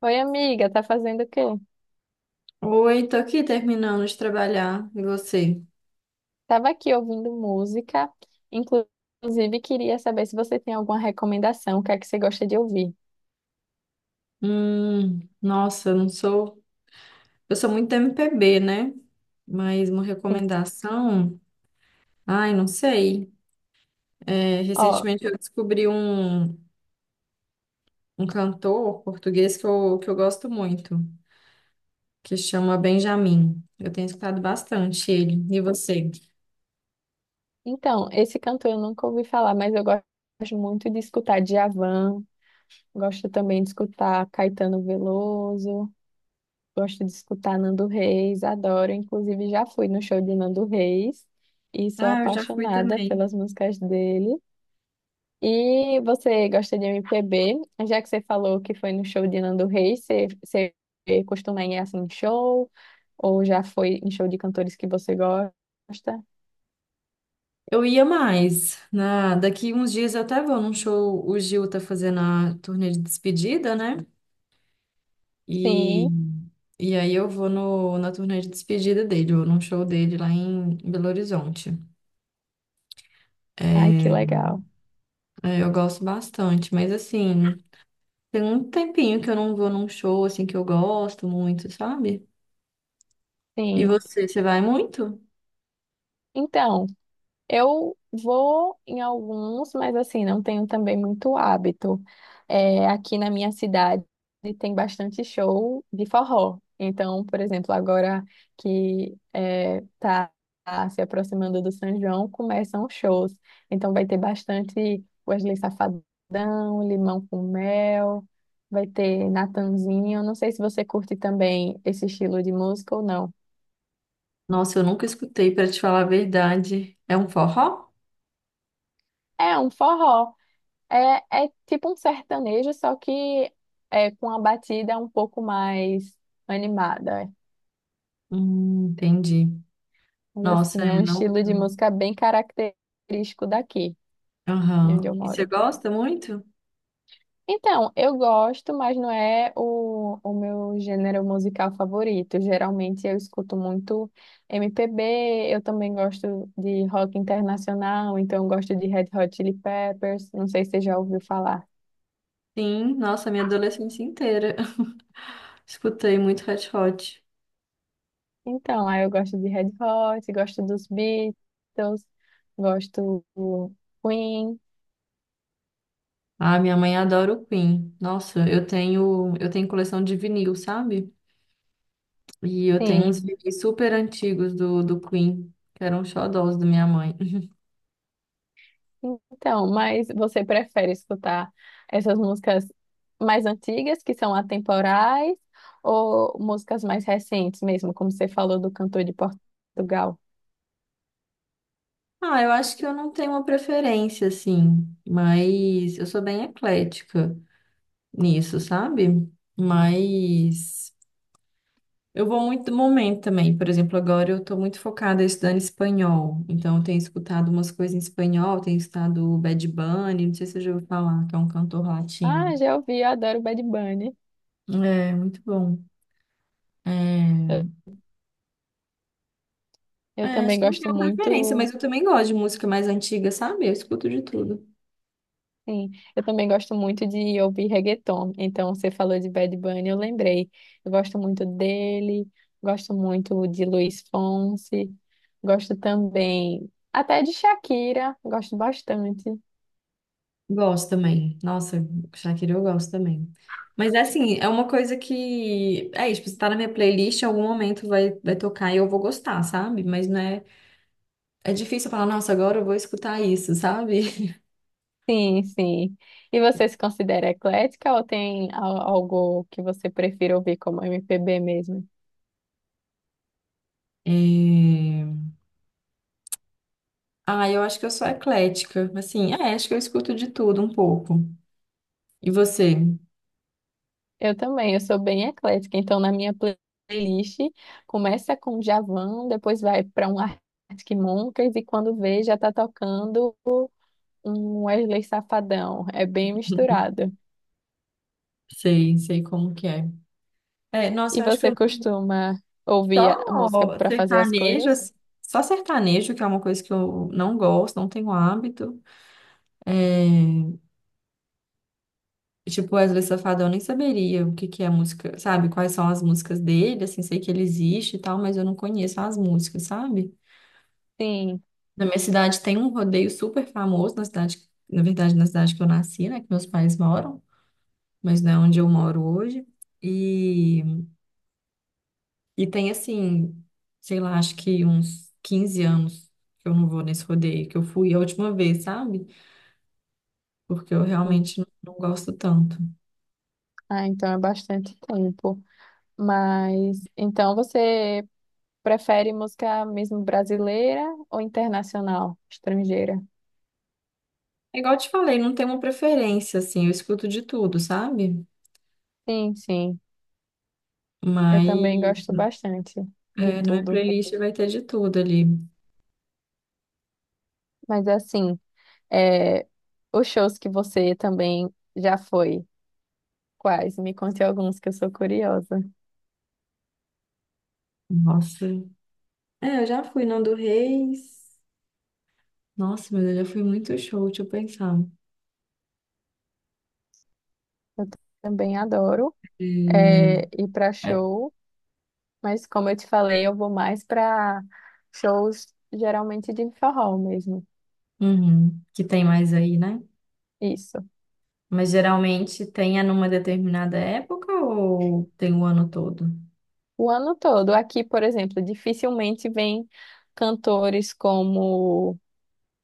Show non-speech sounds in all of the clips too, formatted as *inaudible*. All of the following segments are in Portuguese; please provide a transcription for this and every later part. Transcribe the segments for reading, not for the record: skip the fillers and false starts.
Oi, amiga, tá fazendo o quê? Oi, tô aqui terminando de trabalhar. E você? Tava aqui ouvindo música, inclusive queria saber se você tem alguma recomendação, o que é que você gosta de ouvir. Nossa, eu não sou. Eu sou muito MPB, né? Mas uma Sim. recomendação. Ai, não sei. É, Ó, recentemente eu descobri um cantor português que eu gosto muito, que chama Benjamin. Eu tenho escutado bastante ele. E você? então, esse cantor eu nunca ouvi falar, mas eu gosto muito de escutar Djavan, gosto também de escutar Caetano Veloso, gosto de escutar Nando Reis, adoro, inclusive já fui no show de Nando Reis e sou Ah, eu já fui apaixonada também. pelas músicas dele. E você gosta de MPB? Já que você falou que foi no show de Nando Reis, você costuma ir assim em show? Ou já foi em show de cantores que você gosta? Eu ia mais. Daqui uns dias eu até vou num show. O Gil tá fazendo a turnê de despedida, né? E, Sim. e aí eu vou no, na turnê de despedida dele, ou num show dele lá em Belo Horizonte. Ai, que É, legal. Eu gosto bastante, mas assim, tem um tempinho que eu não vou num show assim que eu gosto muito, sabe? E Sim. você vai muito? Então, eu vou em alguns, mas assim, não tenho também muito hábito. É, aqui na minha cidade tem bastante show de forró. Então, por exemplo, agora que é, tá se aproximando do São João, começam os shows. Então vai ter bastante Wesley Safadão, Limão com Mel, vai ter Natanzinho. Não sei se você curte também esse estilo de música ou não. Nossa, eu nunca escutei, pra te falar a verdade. É um forró? É um forró. É, é tipo um sertanejo, só que é com a batida um pouco mais animada. Entendi. Mas Nossa, assim, é é um não. estilo de música bem característico daqui, de onde Aham. eu E você moro. gosta muito? Então, eu gosto, mas não é o meu gênero musical favorito. Geralmente eu escuto muito MPB, eu também gosto de rock internacional, então eu gosto de Red Hot Chili Peppers, não sei se você já ouviu falar. Sim, nossa, minha adolescência inteira. *laughs* Escutei muito Red Hot. Então, aí eu gosto de Red Hot, gosto dos Beatles, gosto do Queen. Ah, minha mãe adora o Queen. Nossa, eu tenho coleção de vinil, sabe? E eu tenho uns Sim. vinis super antigos do Queen, que eram xodós da minha mãe. *laughs* Então, mas você prefere escutar essas músicas mais antigas, que são atemporais, ou músicas mais recentes mesmo, como você falou do cantor de Portugal? Ah, eu acho que eu não tenho uma preferência, assim, mas eu sou bem eclética nisso, sabe? Mas eu vou muito do momento também. Por exemplo, agora eu tô muito focada estudando espanhol. Então, eu tenho escutado umas coisas em espanhol, tenho escutado o Bad Bunny, não sei se você já ouviu falar, que é um cantor latino. Ah, já ouvi, eu adoro Bad Bunny. É, muito bom. Eu, É, eu Acho também que não gosto tenho preferência, muito. mas eu também gosto de música mais antiga, sabe? Eu escuto de tudo. Sim, eu também gosto muito de ouvir reggaeton. Então, você falou de Bad Bunny, eu lembrei. Eu gosto muito dele, gosto muito de Luiz Fonsi, gosto também até de Shakira, gosto bastante. Gosto também. Nossa, Shakira eu gosto também. Mas é assim, é uma coisa que. É isso, tipo, se tá na minha playlist, em algum momento vai tocar e eu vou gostar, sabe? Mas não é. É difícil eu falar, nossa, agora eu vou escutar isso, sabe? *laughs* Sim, sim. E você se considera eclética ou tem algo que você prefira ouvir como MPB mesmo? É... Ah, eu acho que eu sou eclética. Assim, é, acho que eu escuto de tudo um pouco. E você? Eu também, eu sou bem eclética, então na minha playlist começa com Djavan, depois vai para um Arctic Monkeys e quando vê já tá tocando um Wesley Safadão, é bem misturado. Sei, sei como que é. É, nossa, E eu acho que você eu. costuma ouvir a música Só para fazer as sertanejo, coisas? assim, só sertanejo, que é uma coisa que eu não gosto, não tenho hábito. É, tipo, Wesley Safadão, eu nem saberia o que que é a música, sabe? Quais são as músicas dele, assim, sei que ele existe e tal, mas eu não conheço as músicas, sabe? Sim. Na minha cidade tem um rodeio super famoso, na cidade, na verdade, na cidade que eu nasci, né? Que meus pais moram, mas não é onde eu moro hoje. E E tem assim, sei lá, acho que uns 15 anos que eu não vou nesse rodeio, que eu fui a última vez, sabe? Porque eu Sim. realmente não, não gosto tanto. Ah, então é bastante tempo. Mas então você prefere música mesmo brasileira ou internacional, estrangeira? É igual eu te falei, não tem uma preferência, assim, eu escuto de tudo, sabe? Sim, sim. Eu Mas também gosto bastante de é, na minha tudo. playlist vai ter de tudo ali. Mas assim, é, os shows que você também já foi, quais? Me conte alguns que eu sou curiosa. Nossa. É, eu já fui Nando Reis. Nossa, mas eu já fui muito show, deixa eu pensar. Eu também adoro, é, É, ir para é, show, mas como eu te falei, eu vou mais para shows geralmente de forró mesmo. uhum, que tem mais aí, né? Isso. Mas geralmente tem é numa determinada época ou tem o ano todo? O ano todo. Aqui, por exemplo, dificilmente vem cantores como,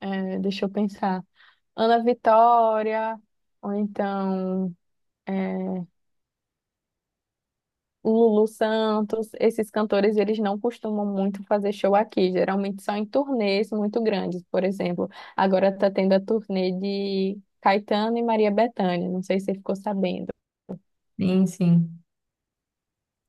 é, deixa eu pensar, Ana Vitória, ou então, é, Lulu Santos. Esses cantores, eles não costumam muito fazer show aqui, geralmente são em turnês muito grandes. Por exemplo, agora está tendo a turnê de Caetano e Maria Bethânia, não sei se você ficou sabendo. Sim, sim.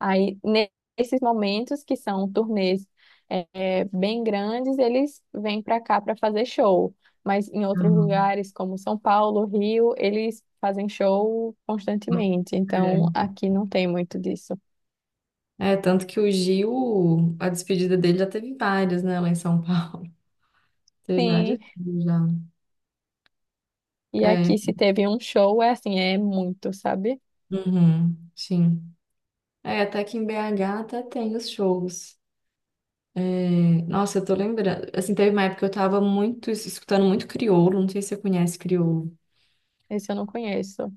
Aí, nesses momentos que são turnês, bem grandes, eles vêm para cá para fazer show, mas em outros Uhum. lugares, como São Paulo, Rio, eles fazem show constantemente, então É. aqui não tem muito disso. É, tanto que o Gil, a despedida dele já teve várias, né, lá em São Paulo. *laughs* Teve várias Sim. já. E É, aqui, se teve um show, é assim, é muito, sabe? uhum, sim. É, até que em BH até tem os shows. É, nossa, eu tô lembrando. Assim, teve uma época que eu tava muito, escutando muito crioulo, não sei se você conhece crioulo. Esse eu não conheço.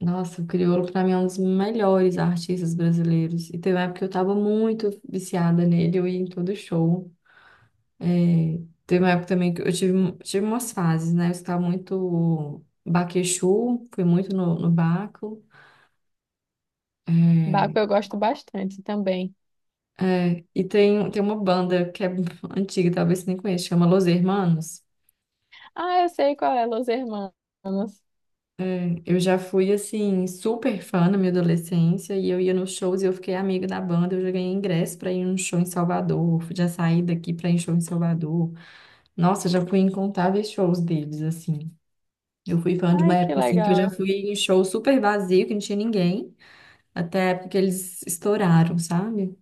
Nossa, o Criolo pra mim é um dos melhores artistas brasileiros. E teve uma época que eu tava muito viciada nele, eu ia em todo show. É, teve uma época também que eu tive umas fases, né? Eu escutava muito Baquechu, fui muito no Baco. Baco É, eu gosto bastante também. E tem uma banda que é *laughs* antiga, talvez você nem conheça, chama Los Hermanos. Ah, eu sei qual é, Los Hermanos. Eu já fui, assim, super fã na minha adolescência e eu ia nos shows e eu fiquei amiga da banda. Eu já ganhei ingresso para ir num show em Salvador, já saí daqui para ir em show em Salvador. Nossa, já fui em incontáveis shows deles, assim. Eu fui fã de uma Ai, que época, assim, que eu já legal. fui em show super vazio, que não tinha ninguém, até a época que eles estouraram, sabe?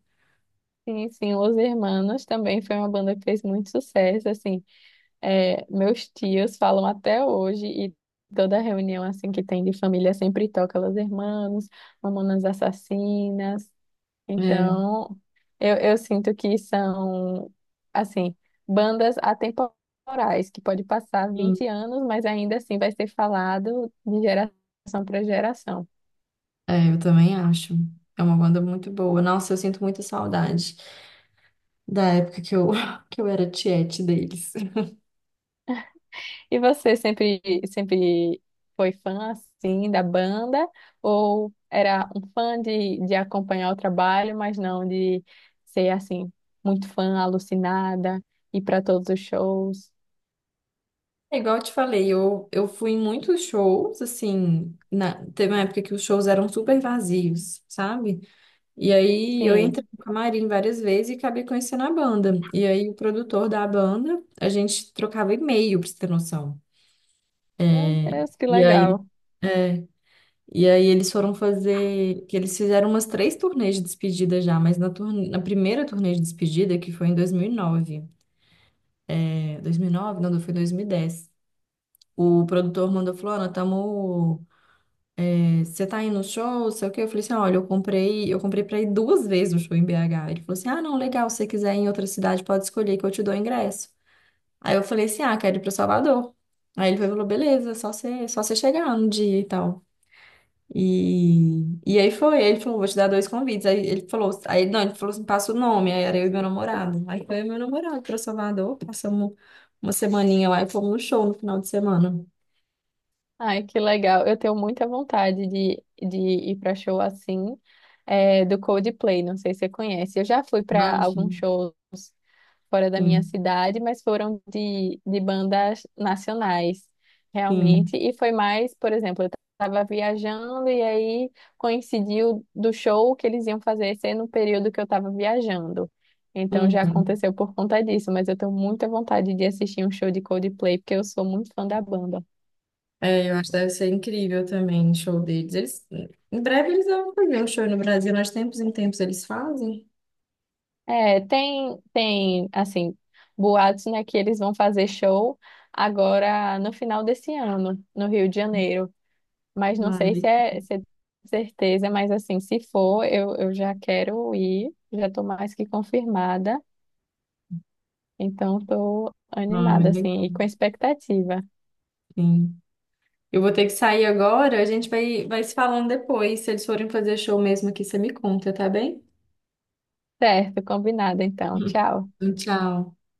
Sim, sim, Los Hermanos também foi uma banda que fez muito sucesso, assim. É, meus tios falam até hoje e toda reunião, assim, que tem de família sempre toca Los Hermanos, Mamonas Assassinas. É, Então, eu sinto que são, assim, bandas atemporais, que pode passar sim. 20 anos, mas ainda assim vai ser falado de geração para geração. É, eu também acho. É uma banda muito boa. Nossa, eu sinto muita saudade da época que eu, *laughs* que eu era tiete deles. E você sempre, sempre foi fã, assim, da banda? Ou era um fã de acompanhar o trabalho, mas não de ser, assim, muito fã, alucinada, ir para todos os shows? É igual eu te falei, eu fui em muitos shows, assim, teve uma época que os shows eram super vazios, sabe? E aí eu Sim, entrei no camarim várias vezes e acabei conhecendo a banda. E aí o produtor da banda, a gente trocava e-mail, pra você ter noção. meu Deus, que E aí, legal. e aí, eles foram fazer, que eles fizeram umas três turnês de despedida já, mas na primeira turnê de despedida, que foi em 2009, é, 2009? Não, foi em 2010. O produtor mandou, falou, Ana, tamo. Você tá indo no show, sei o quê. Eu falei assim, olha, eu comprei pra ir duas vezes no show em BH. Ele falou assim, ah, não, legal, se você quiser ir em outra cidade, pode escolher que eu te dou o ingresso. Aí eu falei assim, ah, quero ir pra Salvador. Aí ele falou, beleza, só você chegar no dia e tal. E aí foi, ele falou, vou te dar dois convites. Aí ele falou, aí não, ele falou assim, passa o nome, aí era eu e meu namorado. Aí foi eu e meu namorado pra Salvador, passamos uma semaninha lá e fomos no show no final de semana. Ai, que legal. Eu tenho muita vontade de ir para show assim, é, do Coldplay. Não sei se você conhece. Eu já fui para Ah, alguns sim. shows fora da minha Sim, cidade, mas foram de bandas nacionais, sim. realmente. E foi mais, por exemplo, eu estava viajando e aí coincidiu do show que eles iam fazer ser no período que eu estava viajando. Então já Uhum. aconteceu por conta disso, mas eu tenho muita vontade de assistir um show de Coldplay, porque eu sou muito fã da banda. É, eu acho que deve ser incrível também o show deles. Eles, em breve eles vão fazer um show no Brasil, nós tempos em tempos eles fazem. É, assim, boatos, né, que eles vão fazer show agora no final desse ano, no Rio de Janeiro. Mas não Ah, sei se legal. é, se é certeza, mas assim, se for, eu já quero ir, já tô mais que confirmada. Então, tô Ah, animada, assim, legal. e com expectativa. Sim. Eu vou ter que sair agora, a gente vai se falando depois. Se eles forem fazer show mesmo aqui, você me conta, tá bem? Certo, combinado, então. Tchau. *laughs* Tchau.